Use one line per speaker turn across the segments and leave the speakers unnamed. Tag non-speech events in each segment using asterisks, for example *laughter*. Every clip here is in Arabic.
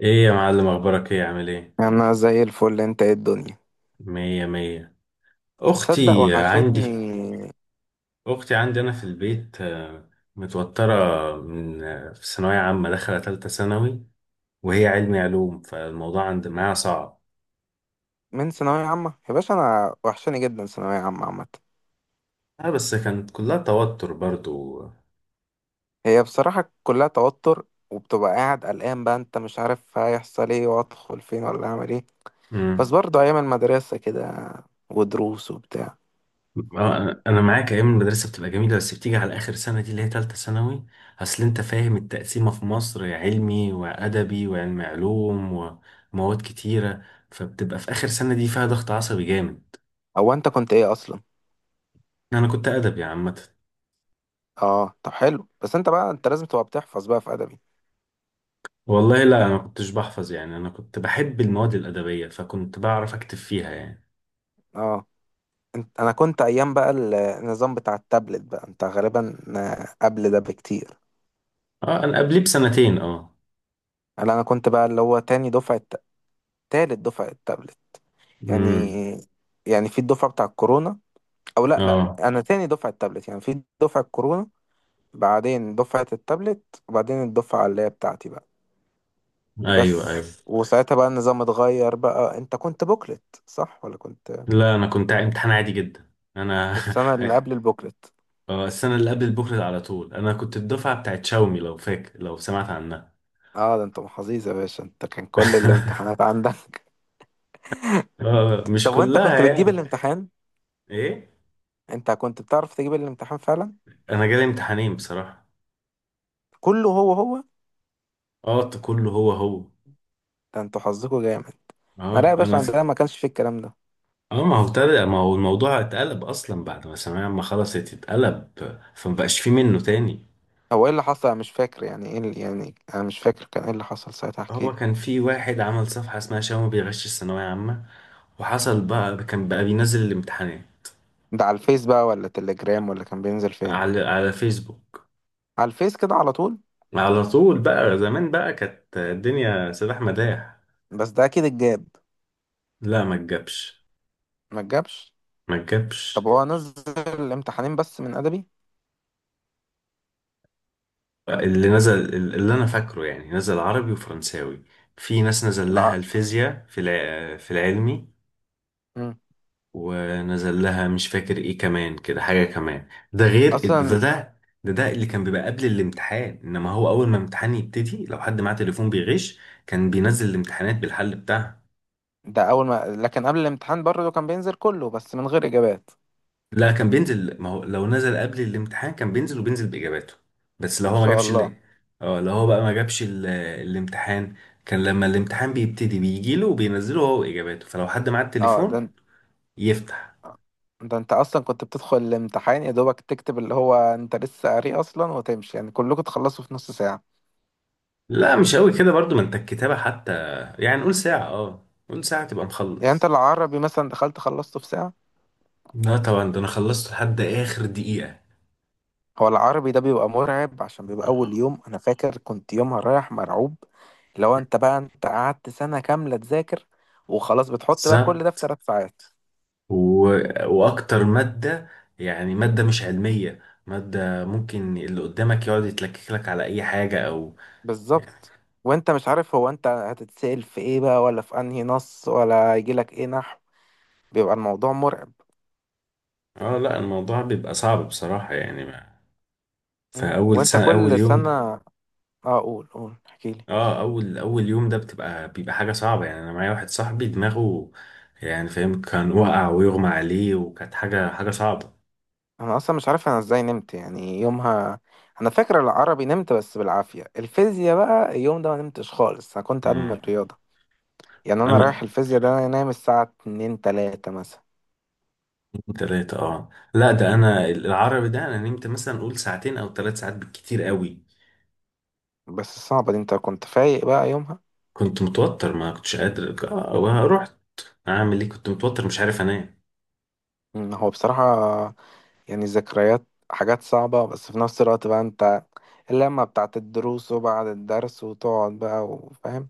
ايه يا معلم، اخبارك؟ ايه عامل ايه؟
انا زي الفل. انت ايه الدنيا؟
مية مية.
تصدق
اختي عندي
وحشتني
اختي عندي انا في البيت. متوترة من في ثانوية عامة داخلة تالتة ثانوي، وهي علمي علوم، فالموضوع عند معاها صعب.
من ثانوية عامة يا باشا. انا وحشاني جدا ثانوية عامة عامة.
اه، بس كانت كلها توتر برضو.
هي بصراحة كلها توتر، وبتبقى قاعد قلقان بقى، انت مش عارف هيحصل ايه، وادخل فين ولا اعمل ايه. بس
مم.
برضه ايام المدرسة كده ودروس وبتاع.
انا معاك، ايام المدرسة بتبقى جميلة، بس بتيجي على اخر سنة دي اللي هي تالتة ثانوي. اصل انت فاهم التقسيمة في مصر، علمي وادبي وعلمي علوم، ومواد كتيرة، فبتبقى في آخر سنة دي فيها ضغط عصبي جامد.
هو انت كنت ايه اصلا؟
انا كنت ادبي عامه.
اه طب حلو، بس انت بقى انت لازم تبقى بتحفظ بقى في ادبي.
والله لا، انا ما كنتش بحفظ، يعني انا كنت بحب المواد الادبيه، فكنت بعرف اكتب فيها يعني.
اه، انت انا كنت ايام بقى النظام بتاع التابلت بقى انت غالبا قبل ده بكتير.
اه، انا قبليه بسنتين اه.
لا انا كنت بقى اللي هو تاني دفعة، تالت دفعة التابلت يعني
امم.
يعني في الدفعة بتاع الكورونا، أو لأ لأ،
اه.
أنا تاني دفعة التابلت يعني في دفعة الكورونا. بعدين دفعة التابلت، وبعدين الدفعة اللي هي بتاعتي بقى.
ايوه ايوه.
بس وساعتها بقى النظام اتغير، بقى أنت كنت بوكلت صح ولا كنت
لا، انا كنت امتحان عادي جدا. انا.
السنة اللي قبل
*laughs*
البوكلت؟
اه، السنه اللي قبل بكره على طول. انا كنت الدفعه بتاعت شاومي، لو فاكر، لو سمعت عنها.
اه، ده انت محظوظ يا باشا، انت كان كل
*laughs*
الامتحانات عندك. *laughs*
اه، مش
طب وانت
كلها
كنت بتجيب
يعني.
الامتحان؟
ايه.
انت كنت بتعرف تجيب الامتحان فعلا؟
انا جالي امتحانين بصراحه.
كله هو هو؟
اه، كله هو هو.
ده انتوا حظكوا جامد. لا
اه،
يا باشا،
انا.
عندنا ما كانش فيه الكلام ده.
اه، ما هو الموضوع اتقلب اصلا، بعد ما ثانوية عامة خلصت اتقلب، فما بقاش فيه منه تاني.
هو ايه اللي حصل؟ انا مش فاكر. يعني ايه اللي، يعني انا مش فاكر كان ايه اللي حصل ساعتها، احكي
هو
لي.
كان في واحد عمل صفحة اسمها شاومي بيغش الثانوية عامة، وحصل بقى، كان بقى بينزل الامتحانات
ده على الفيس بقى ولا تليجرام، ولا كان بينزل فين؟
على فيسبوك.
على الفيس كده على طول؟
على طول بقى، زمان بقى كانت الدنيا سلاح مداح.
بس ده اكيد اتجاب.
لا، ما تجابش.
ما اتجابش؟
ما
طب
تجابش.
هو نزل الامتحانين بس من ادبي؟
اللي نزل، اللي انا فاكره يعني، نزل عربي وفرنساوي. في ناس نزل
الع...
لها الفيزياء في العلمي،
مم.
ونزل لها مش فاكر ايه كمان، كده حاجة كمان. ده غير ده
اصلا؟
ده ده اللي كان بيبقى قبل الامتحان. انما هو اول ما امتحان يبتدي، لو حد معاه تليفون بيغش، كان بينزل الامتحانات بالحل بتاعها.
ده اول ما، لكن قبل الامتحان برضه كان بينزل كله بس من غير اجابات؟
لا، كان بينزل. ما هو لو نزل قبل الامتحان كان بينزل، وبينزل باجاباته. بس لو
ما
هو ما
شاء
جابش
الله.
ال-. اه، لو هو بقى ما جابش الامتحان، كان لما الامتحان بيبتدي بيجيله وبينزله هو واجاباته، فلو حد معاه
اه، ده
التليفون يفتح.
انت اصلا كنت بتدخل الامتحان يا دوبك تكتب اللي هو انت لسه قاري اصلا وتمشي، يعني كلكم تخلصوا في نص ساعة.
لا، مش قوي كده برضو، ما انت الكتابة حتى، يعني نقول ساعة، اه نقول ساعة تبقى
يعني انت
مخلص.
العربي مثلا دخلت خلصته في ساعة؟
لا طبعا، ده انا خلصت لحد اخر دقيقة.
هو العربي ده بيبقى مرعب، عشان بيبقى أول
آه.
يوم. أنا فاكر كنت يومها رايح مرعوب. لو أنت بقى أنت قعدت سنة كاملة تذاكر وخلاص، بتحط بقى كل ده في
بالظبط.
ثلاث ساعات.
و... واكتر مادة، يعني مادة مش علمية، مادة ممكن اللي قدامك يقعد يتلكك لك على اي حاجة او يعني.
بالظبط. وأنت مش عارف هو أنت هتتسأل في إيه بقى، ولا في أنهي نص، ولا يجيلك إيه نحو. بيبقى الموضوع مرعب.
اه لا، الموضوع بيبقى صعب بصراحة، يعني ما... فاول
وأنت
سنة اول
كل سنة،
يوم.
أه قول قول احكيلي.
اه، اول يوم ده بيبقى حاجه صعبه، يعني انا معايا واحد صاحبي دماغه يعني فاهم، كان وقع ويغمى عليه، وكانت حاجه صعبه.
أنا أصلا مش عارف أنا إزاي نمت يعني يومها. أنا فاكر العربي نمت بس بالعافية، الفيزياء بقى اليوم ده ما نمتش خالص، أنا كنت أدمن
امم.
الرياضة. يعني انا رايح
انا.
الفيزياء، ده انا نايم الساعة 2 3 مثلا.
تلاتة اه، لا ده انا العربي ده انا نمت مثلا اقول ساعتين او ثلاث ساعات بالكتير قوي.
بس صعبة دي، انت كنت فايق بقى يومها؟
كنت متوتر ما كنتش قادر، رحت اعمل ايه، كنت متوتر مش عارف انام.
هو بصراحة يعني الذكريات حاجات صعبة، بس في نفس الوقت بقى انت اللمة بتاعت الدروس، وبعد الدرس وتقعد بقى وفاهم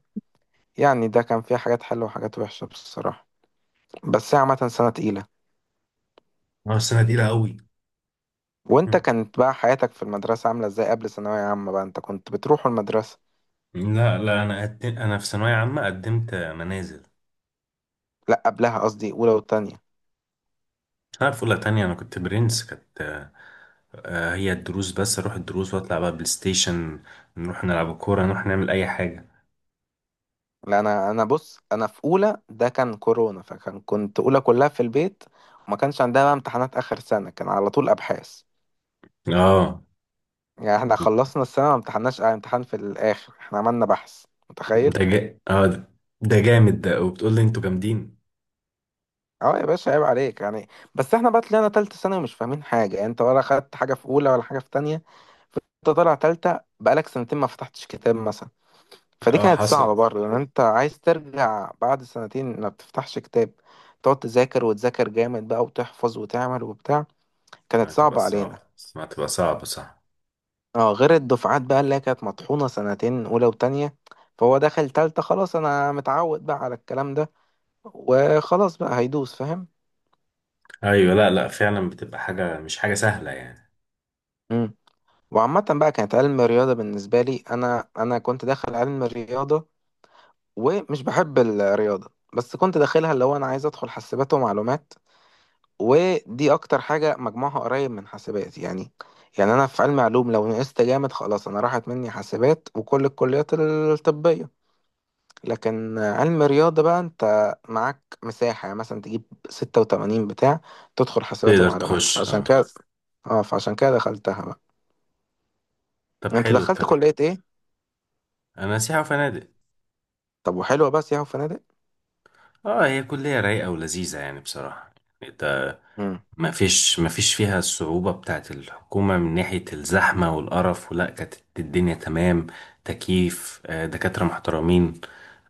يعني. ده كان فيه حاجات حلوة وحاجات وحشة بصراحة، بس هي عامة سنة تقيلة.
اه، السنه دي قوي.
وانت
مم.
كانت بقى حياتك في المدرسة عاملة ازاي قبل ثانوية عامة؟ بقى انت كنت بتروح المدرسة؟
لا انا انا في ثانويه عامه قدمت منازل.
لا قبلها قصدي، اولى وتانية.
انا في اولى تانية انا كنت برنس. كانت هي الدروس بس، اروح الدروس واطلع بقى بلاي ستيشن، نروح نلعب كورة، نروح نعمل اي حاجة.
لا، انا بص، انا في اولى ده كان كورونا، فكان كنت اولى كلها في البيت. وما كانش عندنا بقى امتحانات اخر سنه، كان على طول ابحاث.
اه،
يعني احنا خلصنا السنه ما امتحناش امتحان في الاخر، احنا عملنا بحث متخيل.
ده. ده جامد ده، وبتقول لي انتوا جامدين.
اه يا باشا عيب عليك يعني. بس احنا بقى طلعنا تالتة سنة ومش فاهمين حاجة، يعني انت ولا خدت حاجة في اولى ولا حاجة في تانية. انت طالع تالتة بقالك سنتين ما فتحتش كتاب مثلا، فدي
اه،
كانت
حصل.
صعبة برضه، لان انت عايز ترجع بعد سنتين ما بتفتحش كتاب، تقعد تذاكر وتذاكر جامد بقى، وتحفظ وتعمل وبتاع. كانت
هتبقى
صعبة علينا.
صعبة. ما هتبقى صعبة، صح.
اه غير الدفعات بقى اللي هي كانت مطحونة سنتين، أولى وتانية، فهو دخل تالتة خلاص أنا متعود بقى على الكلام ده وخلاص، بقى هيدوس فاهم.
ايوه. لا لا، فعلا بتبقى حاجة مش حاجة سهلة يعني.
مم. وعامة بقى كانت علم الرياضة بالنسبة لي. أنا كنت داخل علم الرياضة ومش بحب الرياضة، بس كنت داخلها اللي هو أنا عايز أدخل حاسبات ومعلومات، ودي أكتر حاجة مجموعها قريب من حاسبات يعني. يعني أنا في علم علوم لو نقصت جامد خلاص أنا راحت مني حاسبات وكل الكليات الطبية، لكن علم رياضة بقى انت معاك مساحة، يعني مثلا تجيب ستة وتمانين بتاع، تدخل حسابات
تقدر
ومعلومات،
تخش
فعشان
اه.
كده. اه فعشان كده دخلتها بقى.
طب
انت
حلو
دخلت
الكلام.
كلية ايه؟
انا سياحة وفنادق.
طب وحلوة بس ياهو فنادق؟
اه، هي كلية رايقة ولذيذة يعني بصراحة. انت.
مم.
ما فيش فيها الصعوبة بتاعت الحكومة من ناحية الزحمة والقرف، ولا كانت. الدنيا تمام، تكييف، دكاترة محترمين،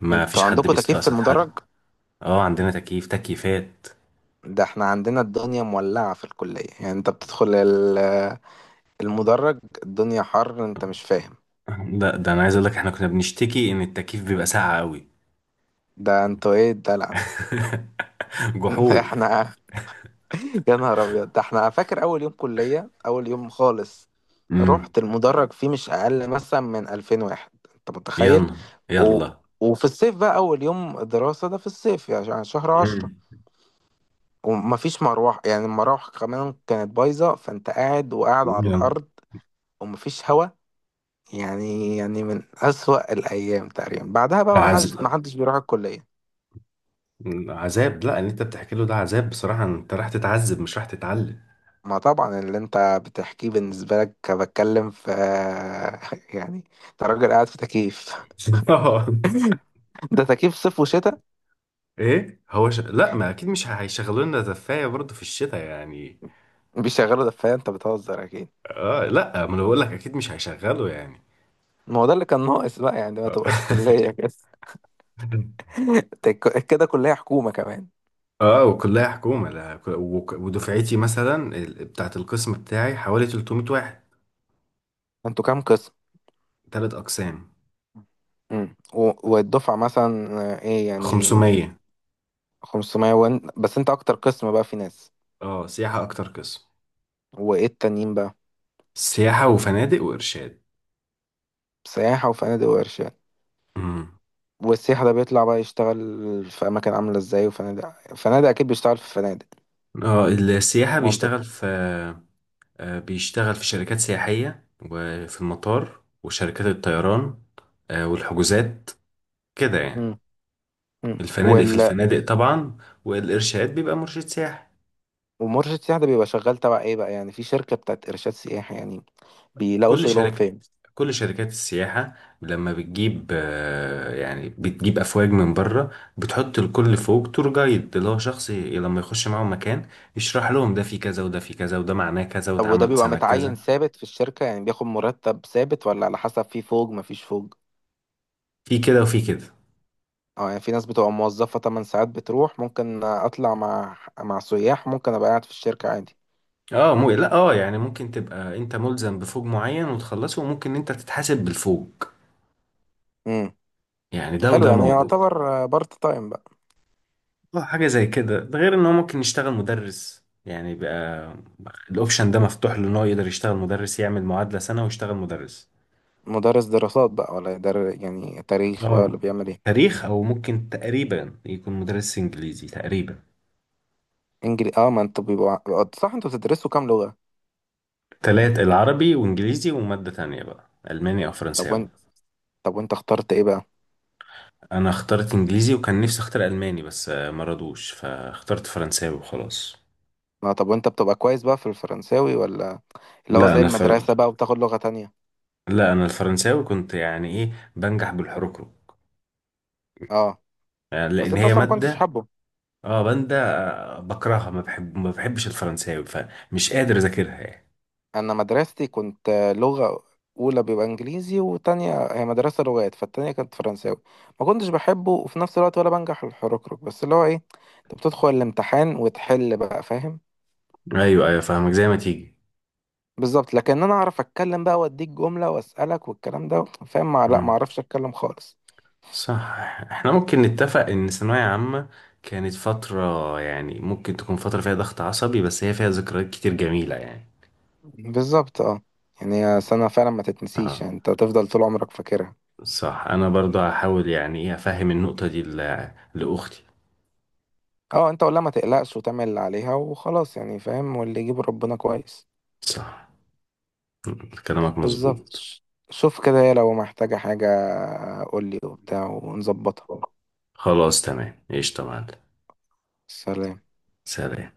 ما فيش
انتوا
حد
عندكوا تكييف في
بيستقصد حد.
المدرج؟
اه عندنا تكييف، تكييفات.
ده احنا عندنا الدنيا مولعة في الكلية، يعني انت بتدخل المدرج الدنيا حر انت مش فاهم.
ده انا عايز اقول لك احنا كنا بنشتكي ان التكييف بيبقى ساقع قوي.
ده انتوا ايه الدلع ده؟
*laughs*
*laughs*
جحود.
احنا يا نهار ابيض، ده احنا فاكر اول يوم كليه اول يوم خالص،
امم.
رحت المدرج فيه مش اقل مثلا من 2000 واحد، انت متخيل؟
يلا
و...
يلا.
وفي الصيف بقى اول يوم دراسه ده في الصيف، يعني عشان شهر
امم.
عشرة، ومفيش مروح، يعني المراوح كمان كانت بايظه، فانت قاعد وقاعد على
يلا.
الارض ومفيش هوا. يعني من اسوأ الايام تقريبا، بعدها بقى ما حدش ما
عذاب.
حدش بيروح الكليه.
عذاب، لا اللي انت بتحكي له ده عذاب بصراحة، انت راح تتعذب مش راح تتعلم.
ما طبعا اللي انت بتحكيه بالنسبة لك بتكلم في، *laughs* يعني انت راجل قاعد في تكييف.
*laughs*
*laughs* ده تكييف صيف وشتاء؟
ايه هو لا ما اكيد مش هيشغلوا لنا زفايه برضه في الشتاء يعني.
بيشغلوا دفاية، انت بتهزر اكيد.
اه لا، ما انا بقول لك اكيد مش هيشغلوا يعني.
ما هو ده اللي كان ناقص بقى يعني، ما تبقاش كلية كده.
*laughs*
*laughs* كده كلية حكومة كمان.
اه، وكلها حكومه. لا ودفعتي مثلا بتاعه القسم بتاعي حوالي 300 واحد.
انتوا كام قسم؟
ثلاث اقسام.
والدفعة مثلا، ايه يعني؟
500.
500 وان بس، انت اكتر قسم بقى في ناس؟
اه، سياحه اكتر قسم.
وايه التانيين بقى؟
سياحه وفنادق وارشاد.
سياحة وفنادق وارشاد.
امم.
والسياح ده بيطلع بقى يشتغل في أماكن عاملة إزاي؟ وفنادق فنادق أكيد بيشتغل في فنادق،
اه، السياحه
منطق.
بيشتغل في بيشتغل في شركات سياحيه، وفي المطار، وشركات الطيران، والحجوزات، كده يعني.
مم. مم.
الفنادق في الفنادق طبعا. والإرشاد بيبقى مرشد سياحي.
ومرشد السياح ده بيبقى شغال تبع إيه بقى؟ يعني في شركة بتاعت إرشاد سياحي يعني، بيلاقوا
كل
شغلهم
شركة،
فين؟
كل شركات السياحة، لما بتجيب يعني بتجيب أفواج من بره، بتحط الكل فوق تور جايد، اللي هو شخص لما يخش معاهم مكان يشرح لهم ده في كذا وده في كذا وده معناه كذا،
طب وده
واتعمل
بيبقى
سنة
متعين
كذا.
ثابت في الشركة، يعني بياخد مرتب ثابت ولا على حسب في فوق مفيش فوق؟
في كده وفي كده.
اه، يعني في ناس بتبقى موظفة 8 ساعات بتروح، ممكن أطلع مع سياح، ممكن أبقى قاعد في الشركة عادي.
اه، مو لا، اه يعني ممكن تبقى انت ملزم بفوج معين وتخلصه، وممكن انت تتحاسب بالفوج
مم.
يعني. ده
حلو،
وده
يعني
موجود.
يعتبر بارت تايم بقى.
اه، حاجة زي كده. ده غير ان هو ممكن يشتغل مدرس يعني بقى. الاوبشن ده مفتوح له ان هو يقدر يشتغل مدرس، يعمل معادلة سنة ويشتغل مدرس.
مدرس دراسات بقى ولا يعني تاريخ بقى، ولا
اه،
بيعمل ايه؟
تاريخ، او ممكن تقريبا يكون مدرس انجليزي تقريبا.
اه ما انت بيبقى، صح. انتوا بتدرسوا كام لغة؟
تلات، العربي وانجليزي، ومادة تانية بقى الماني او
طب
فرنساوي.
وانت طب وانت اخترت ايه بقى؟
انا اخترت انجليزي، وكان نفسي اختار الماني، بس ما رضوش، فاخترت فرنساوي وخلاص.
ما طب وانت بتبقى كويس بقى في الفرنساوي، ولا اللي هو
لا
زي
انا
المدرسة
الفرن
بقى وبتاخد لغة تانية؟
لا انا الفرنساوي كنت يعني ايه بنجح بالحركرك
اه
يعني،
بس
لان
انت
هي
اصلا ما كنتش
مادة.
حابه.
اه. باندا بكرهها، ما بحبش الفرنساوي، فمش قادر اذاكرها يعني.
انا مدرستي كنت لغة، اولى بيبقى انجليزي وتانية، هي مدرسة لغات، فالتانية كانت فرنساوي. ما كنتش بحبه، وفي نفس الوقت ولا بنجح الحركرك، بس اللي هو ايه، انت بتدخل الامتحان وتحل بقى فاهم.
ايوه ايوه فاهمك زي ما تيجي.
بالظبط، لكن انا اعرف اتكلم بقى، واديك جملة واسألك والكلام ده فاهم، لا ما
مم.
اعرفش اتكلم خالص.
صح. احنا ممكن نتفق ان الثانوية عامة كانت فترة، يعني ممكن تكون فترة فيها ضغط عصبي، بس هي فيها ذكريات كتير جميلة يعني.
بالظبط، اه. يعني سنة فعلا ما تتنسيش،
اه،
يعني انت تفضل طول عمرك فاكرها.
صح. انا برضو هحاول يعني ايه افهم النقطة دي لاختي.
اه انت ولا ما تقلقش، وتعمل اللي عليها وخلاص يعني فاهم، واللي يجيب ربنا كويس.
صح. مم. كلامك
بالظبط.
مظبوط.
شوف كده، لو محتاجة حاجة قولي وبتاع ونظبطها.
خلاص تمام ايش تمام.
سلام.
سلام.